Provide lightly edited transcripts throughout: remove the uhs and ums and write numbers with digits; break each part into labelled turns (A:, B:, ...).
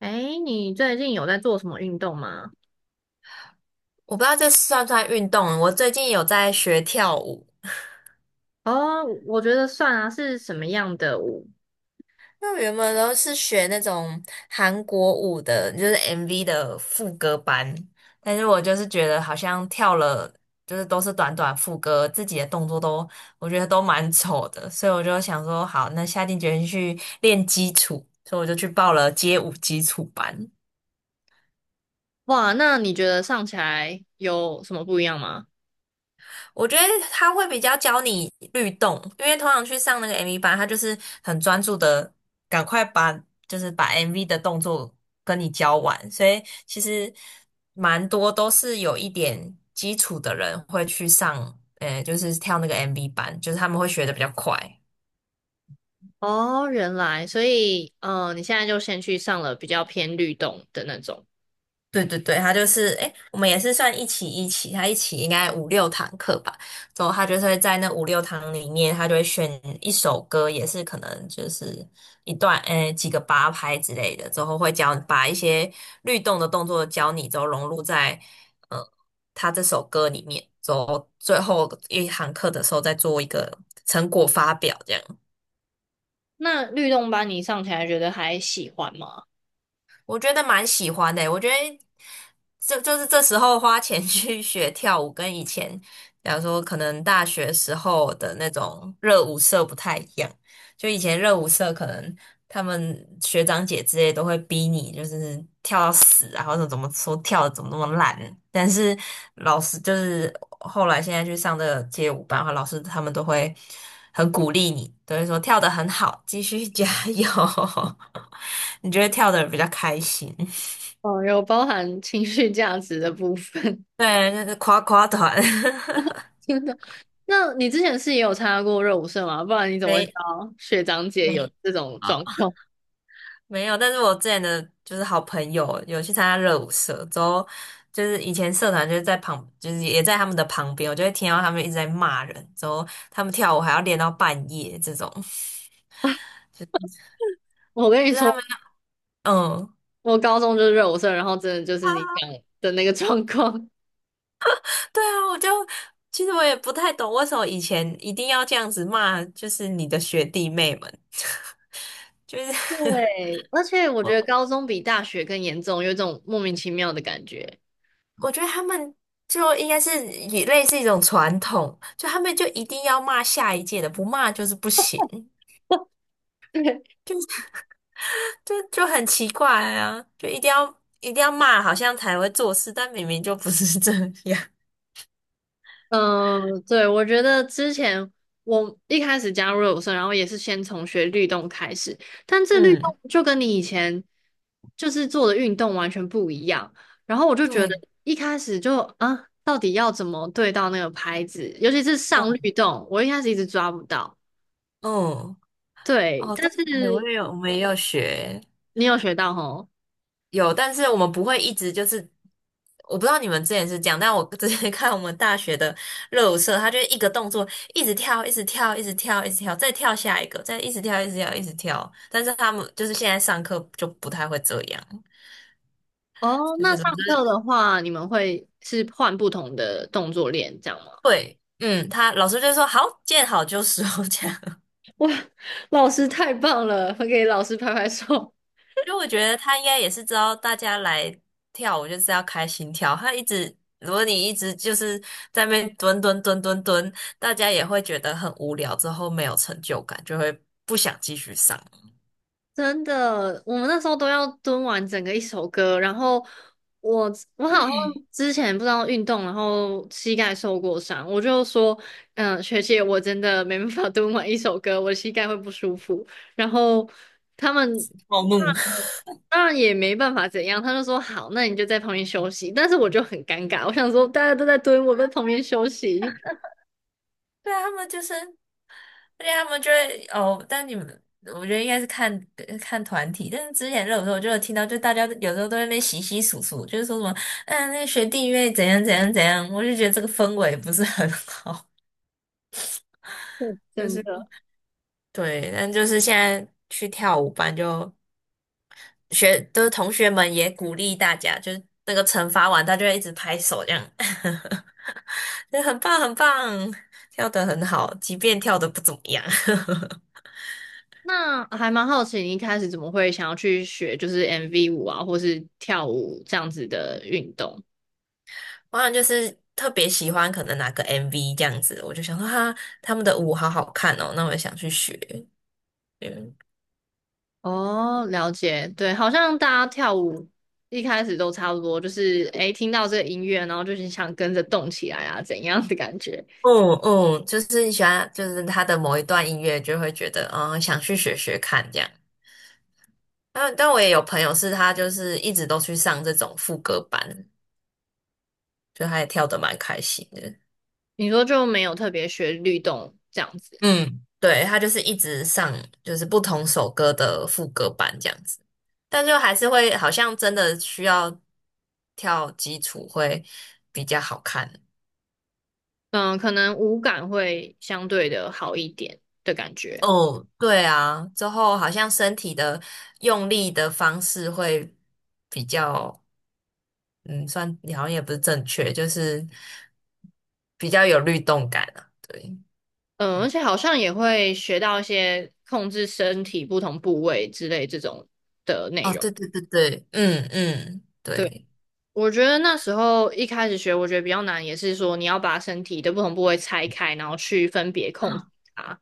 A: 哎，你最近有在做什么运动吗？
B: 我不知道这算不算运动。我最近有在学跳舞，
A: 哦，我觉得算啊，是什么样的舞？
B: 那我原本都是学那种韩国舞的，就是 MV 的副歌班。但是我就是觉得好像跳了，就是都是短短副歌，自己的动作都我觉得都蛮丑的，所以我就想说，好，那下定决心去练基础，所以我就去报了街舞基础班。
A: 哇，那你觉得上起来有什么不一样吗？
B: 我觉得他会比较教你律动，因为通常去上那个 MV 班，他就是很专注的，赶快就是把 MV 的动作跟你教完，所以其实蛮多都是有一点基础的人会去上，就是跳那个 MV 班，就是他们会学的比较快。
A: 哦，原来，所以，你现在就先去上了比较偏律动的那种。
B: 对对对，他就是诶，我们也是算一起，他一起应该五六堂课吧。之后他就是会在那五六堂里面，他就会选一首歌，也是可能就是一段诶几个八拍之类的。之后会教把一些律动的动作教你，之后融入在呃他这首歌里面。之后最后一堂课的时候再做一个成果发表，这样。
A: 那律动班你上起来觉得还喜欢吗？
B: 我觉得蛮喜欢的欸，我觉得这就是这时候花钱 去学跳舞，跟以前，比方说可能大学时候的那种热舞社不太一样。就以前热舞社可能他们学长姐之类都会逼你，就是跳到死啊，或者怎么说跳的怎么那么烂。但是老师就是后来现在去上这个街舞班的话，老师他们都会很鼓励你，都会说跳的很好，继续加油。你就会跳的比较开心。
A: 哦，有包含情绪价值的部分。
B: 对，那是夸夸团。
A: 真的。那你之前是也有参加过热舞社吗？不然你 怎么会知
B: 没
A: 道学长姐
B: 没。
A: 有这种
B: 好。
A: 状况？
B: 没有，但是我之前的就是好朋友有去参加热舞社，之后就是以前社团就是在旁，就是也在他们的旁边，我就会听到他们一直在骂人，之后他们跳舞还要练到半夜这种，
A: 我跟你
B: 就是他
A: 说，
B: 们嗯。
A: 我高中就是热舞社，然后真的就是你讲的那个状况。
B: 对啊，我就其实我也不太懂为什么以前一定要这样子骂，就是你的学弟妹们，就是
A: 对，而且 我觉得
B: 我
A: 高中比大学更严重，有一种莫名其妙的感觉。
B: 我觉得他们就应该是也类似一种传统，就他们就一定要骂下一届的，不骂就是不行。
A: 对，
B: 就很奇怪啊，就一定要骂，好像才会做事，但明明就不是 这样。
A: 嗯，对，我觉得之前我一开始加入热舞社，然后也是先从学律动开始，但这律
B: 嗯，
A: 动就跟你以前就是做的运动完全不一样。然后我就觉得
B: 对，
A: 一开始就啊，到底要怎么对到那个拍子，尤其是
B: 嗯
A: 上律动，我一开始一直抓不到。
B: 嗯，
A: 对，
B: 哦，对，
A: 但是
B: 哎我也有，我们也有学，
A: 你有学到吼？
B: 有，但是我们不会一直就是，我不知道你们之前是这样，但我之前 看我们大学的热舞社，他就一个动作一直跳，一直跳，一直跳，一直跳，再跳下一个，再一直跳，一直跳，一直跳。但是他们就是现在上课就不太会这样，
A: 哦，
B: 就
A: 那
B: 是都
A: 上
B: 是
A: 课的话，你们会是换不同的动作练，这样吗？
B: 对，嗯，他老师就说好，见好就收 这样。
A: 老师太棒了，给老师拍拍手。
B: 就我觉得他应该也是知道大家来跳舞就是要开心跳，他一直如果你一直就是在那边蹲蹲蹲蹲蹲，大家也会觉得很无聊，之后没有成就感，就会不想继续上。
A: 真的，我们那时候都要蹲完整个一首歌，然后我我好像之前不知道运动，然后膝盖受过伤，我就说，嗯、学姐，我真的没办法 蹲完一首歌，我的膝盖会不舒服。然后他们。
B: 暴怒。
A: 当然也没办法怎样，他就说好，那你就在旁边休息。但是我就很尴尬，我想说大家都在蹲，我在旁边休息。
B: 对啊，他们就是。对啊，他们就会哦，但你们我觉得应该是看看团体，但是之前热舞的时候我就有听到，就大家有时候都在那边洗洗簌簌，就是说什么，嗯，那个学弟妹怎样怎样怎样，我就觉得这个氛围不是很好，
A: 嗯
B: 就
A: 真
B: 是
A: 的。
B: 对，但就是现在去跳舞班就学，就是同学们也鼓励大家，就是那个惩罚完，他就会一直拍手这样，就很棒很棒，跳得很好，即便跳得不怎么样。
A: 那还蛮好奇，你一开始怎么会想要去学就是 MV 舞啊，或是跳舞这样子的运动？
B: 我好像就是特别喜欢可能哪个 MV 这样子，我就想说哈，他们的舞好好看哦，那我也想去学。嗯
A: 哦，了解，对，好像大家跳舞一开始都差不多，就是诶，听到这个音乐，然后就是想跟着动起来啊，怎样的感觉？
B: 嗯嗯，就是你喜欢，就是他的某一段音乐就会觉得，嗯，想去学学看这样。但我也有朋友是他就是一直都去上这种副歌班，就他也跳的蛮开心的。
A: 你说就没有特别学律动这样子。
B: 嗯，对，他就是一直上，就是不同首歌的副歌版这样子，但就还是会好像真的需要跳基础会比较好看。
A: 嗯，可能五感会相对的好一点的感觉。
B: 哦，对啊，之后好像身体的用力的方式会比较，嗯，算好像也不是正确，就是比较有律动感啊。对，
A: 嗯，而且好像也会学到一些控制身体不同部位之类这种的内
B: 哦，
A: 容。
B: 对对对对，嗯嗯，
A: 对，
B: 对，
A: 我觉得那时候一开始学，我觉得比较难，也是说你要把身体的不同部位拆开，然后去分别控制它。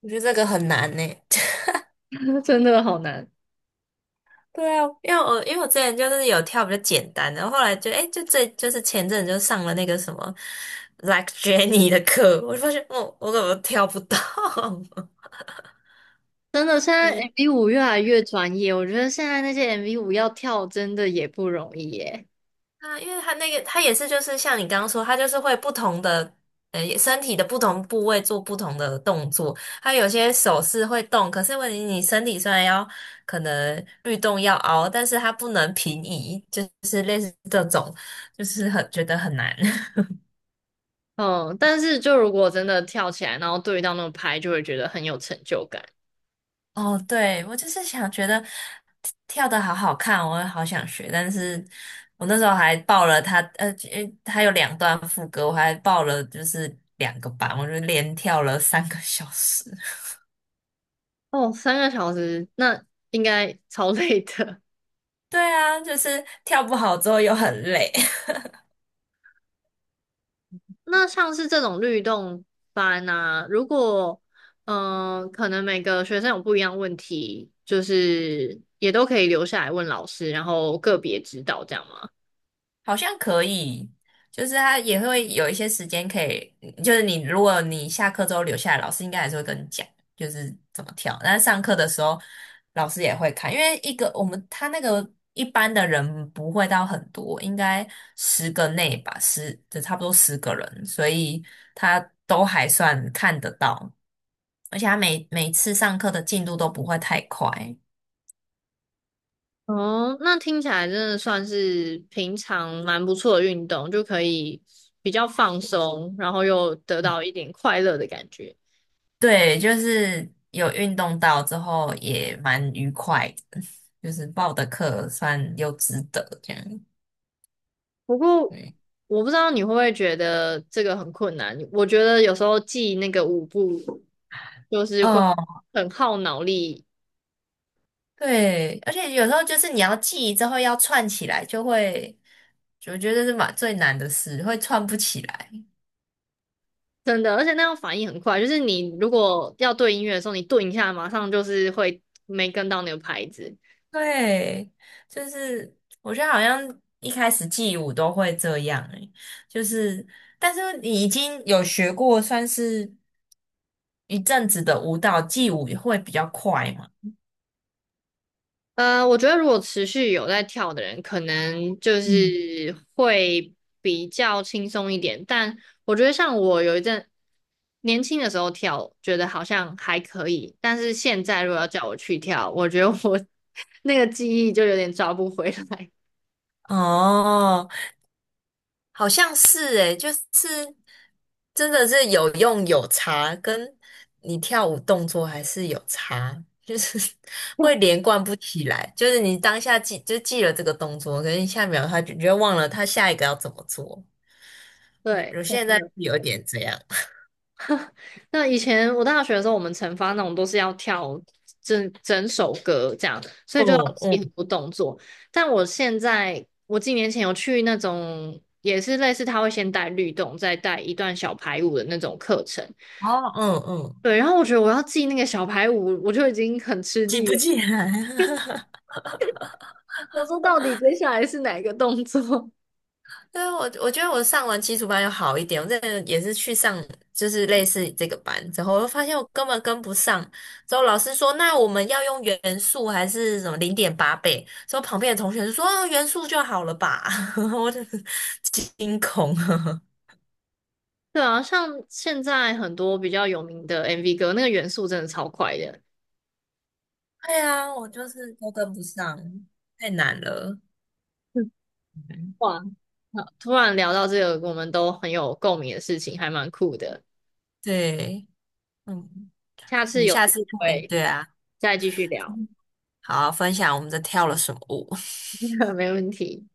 B: 我觉得这个很难呢。
A: 真的好难。
B: 对啊，因为我之前就是有跳比较简单的，后来就哎、就这就是前阵子就上了那个什么 Like Jenny 的课，我就发现哦，我怎么跳不到？
A: 真的，现
B: 就
A: 在
B: 是
A: MV 五越来越专业，我觉得现在那些 MV 五要跳真的也不容易耶。
B: 啊，因为他那个他也是就是像你刚刚说，他就是会不同的身体的不同部位做不同的动作，他有些手势会动，可是问题你身体虽然要可能律动要凹，但是它不能平移，就是类似这种，就是很觉得很难。
A: 嗯，但是就如果真的跳起来，然后对到那种拍，就会觉得很有成就感。
B: 哦，对，我就是想觉得跳的好好看，我也好想学，但是我那时候还报了他，因为他有2段副歌，我还报了就是2个班，我就连跳了3个小时。
A: 哦，三个小时，那应该超 累的。
B: 对啊，就是跳不好之后又很累。
A: 那像是这种律动班啊，如果嗯、可能每个学生有不一样问题，就是也都可以留下来问老师，然后个别指导这样吗？
B: 好像可以，就是他也会有一些时间可以，就是如果你下课之后留下来，老师应该还是会跟你讲，就是怎么跳。但是上课的时候，老师也会看，因为一个我们他那个一般的人不会到很多，应该10个内吧，差不多10个人，所以他都还算看得到，而且他每次上课的进度都不会太快。
A: 哦，那听起来真的算是平常蛮不错的运动，就可以比较放松，然后又得到一点快乐的感觉。
B: 对，就是有运动到之后也蛮愉快的，就是报的课算又值得这样。
A: 不过
B: 对，
A: 我不知道你会不会觉得这个很困难。我觉得有时候记那个舞步就是会
B: 哦，
A: 很耗脑力。
B: 对，而且有时候就是你要记之后要串起来，就会，我觉得是蛮最难的事，会串不起来。
A: 真的，而且那样反应很快。就是你如果要对音乐的时候，你顿一下，马上就是会没跟到那个拍子。
B: 对，就是我觉得好像一开始记舞都会这样欸，就是但是你已经有学过算是一阵子的舞蹈，记舞也会比较快嘛。
A: 呃，我觉得如果持续有在跳的人，可能就
B: 嗯。
A: 是会比较轻松一点。但我觉得像我有一阵年轻的时候跳，觉得好像还可以。但是现在如果要叫我去跳，我觉得我 那个记忆就有点抓不回来。
B: 哦，好像是诶，就是真的是有用有差，跟你跳舞动作还是有差，就是 会连贯不起来。就是你当下记就记了这个动作，可是下一秒你就忘了他下一个要怎么做。我
A: 对，
B: 我
A: 真
B: 现在
A: 的。
B: 有点这样，
A: 那以前我大学的时候，我们惩罚那种都是要跳整整首歌这样，所以就要
B: 哦
A: 记很
B: 嗯，
A: 多动作。但我现在，我几年前有去那种也是类似他会先带律动，再带一段小排舞的那种课程。
B: 哦嗯嗯，
A: 对，然后我觉得我要记那个小排舞，我就已经很吃
B: 记
A: 力
B: 不
A: 了。
B: 起来。
A: 我说到底接下来是哪一个动作？
B: 对啊，我觉得我上完基础班有好一点，我真的也是去上就是类似这个班之后，我发现我根本跟不上。之后老师说，那我们要用元素还是什么0.8倍？之后旁边的同学就说，哦元素就好了吧？我就是惊恐。
A: 对啊，像现在很多比较有名的 MV 歌，那个元素真的超快的。
B: 对啊，我就是都跟不上，太难了。嗯
A: 哇，好突然聊到这个我们都很有共鸣的事情，还蛮酷的。
B: 对，嗯，
A: 下
B: 我
A: 次
B: 们
A: 有
B: 下
A: 机
B: 次可以，
A: 会
B: 对啊，
A: 再继续聊。
B: 好，分享我们这跳了什么舞。
A: 没问题。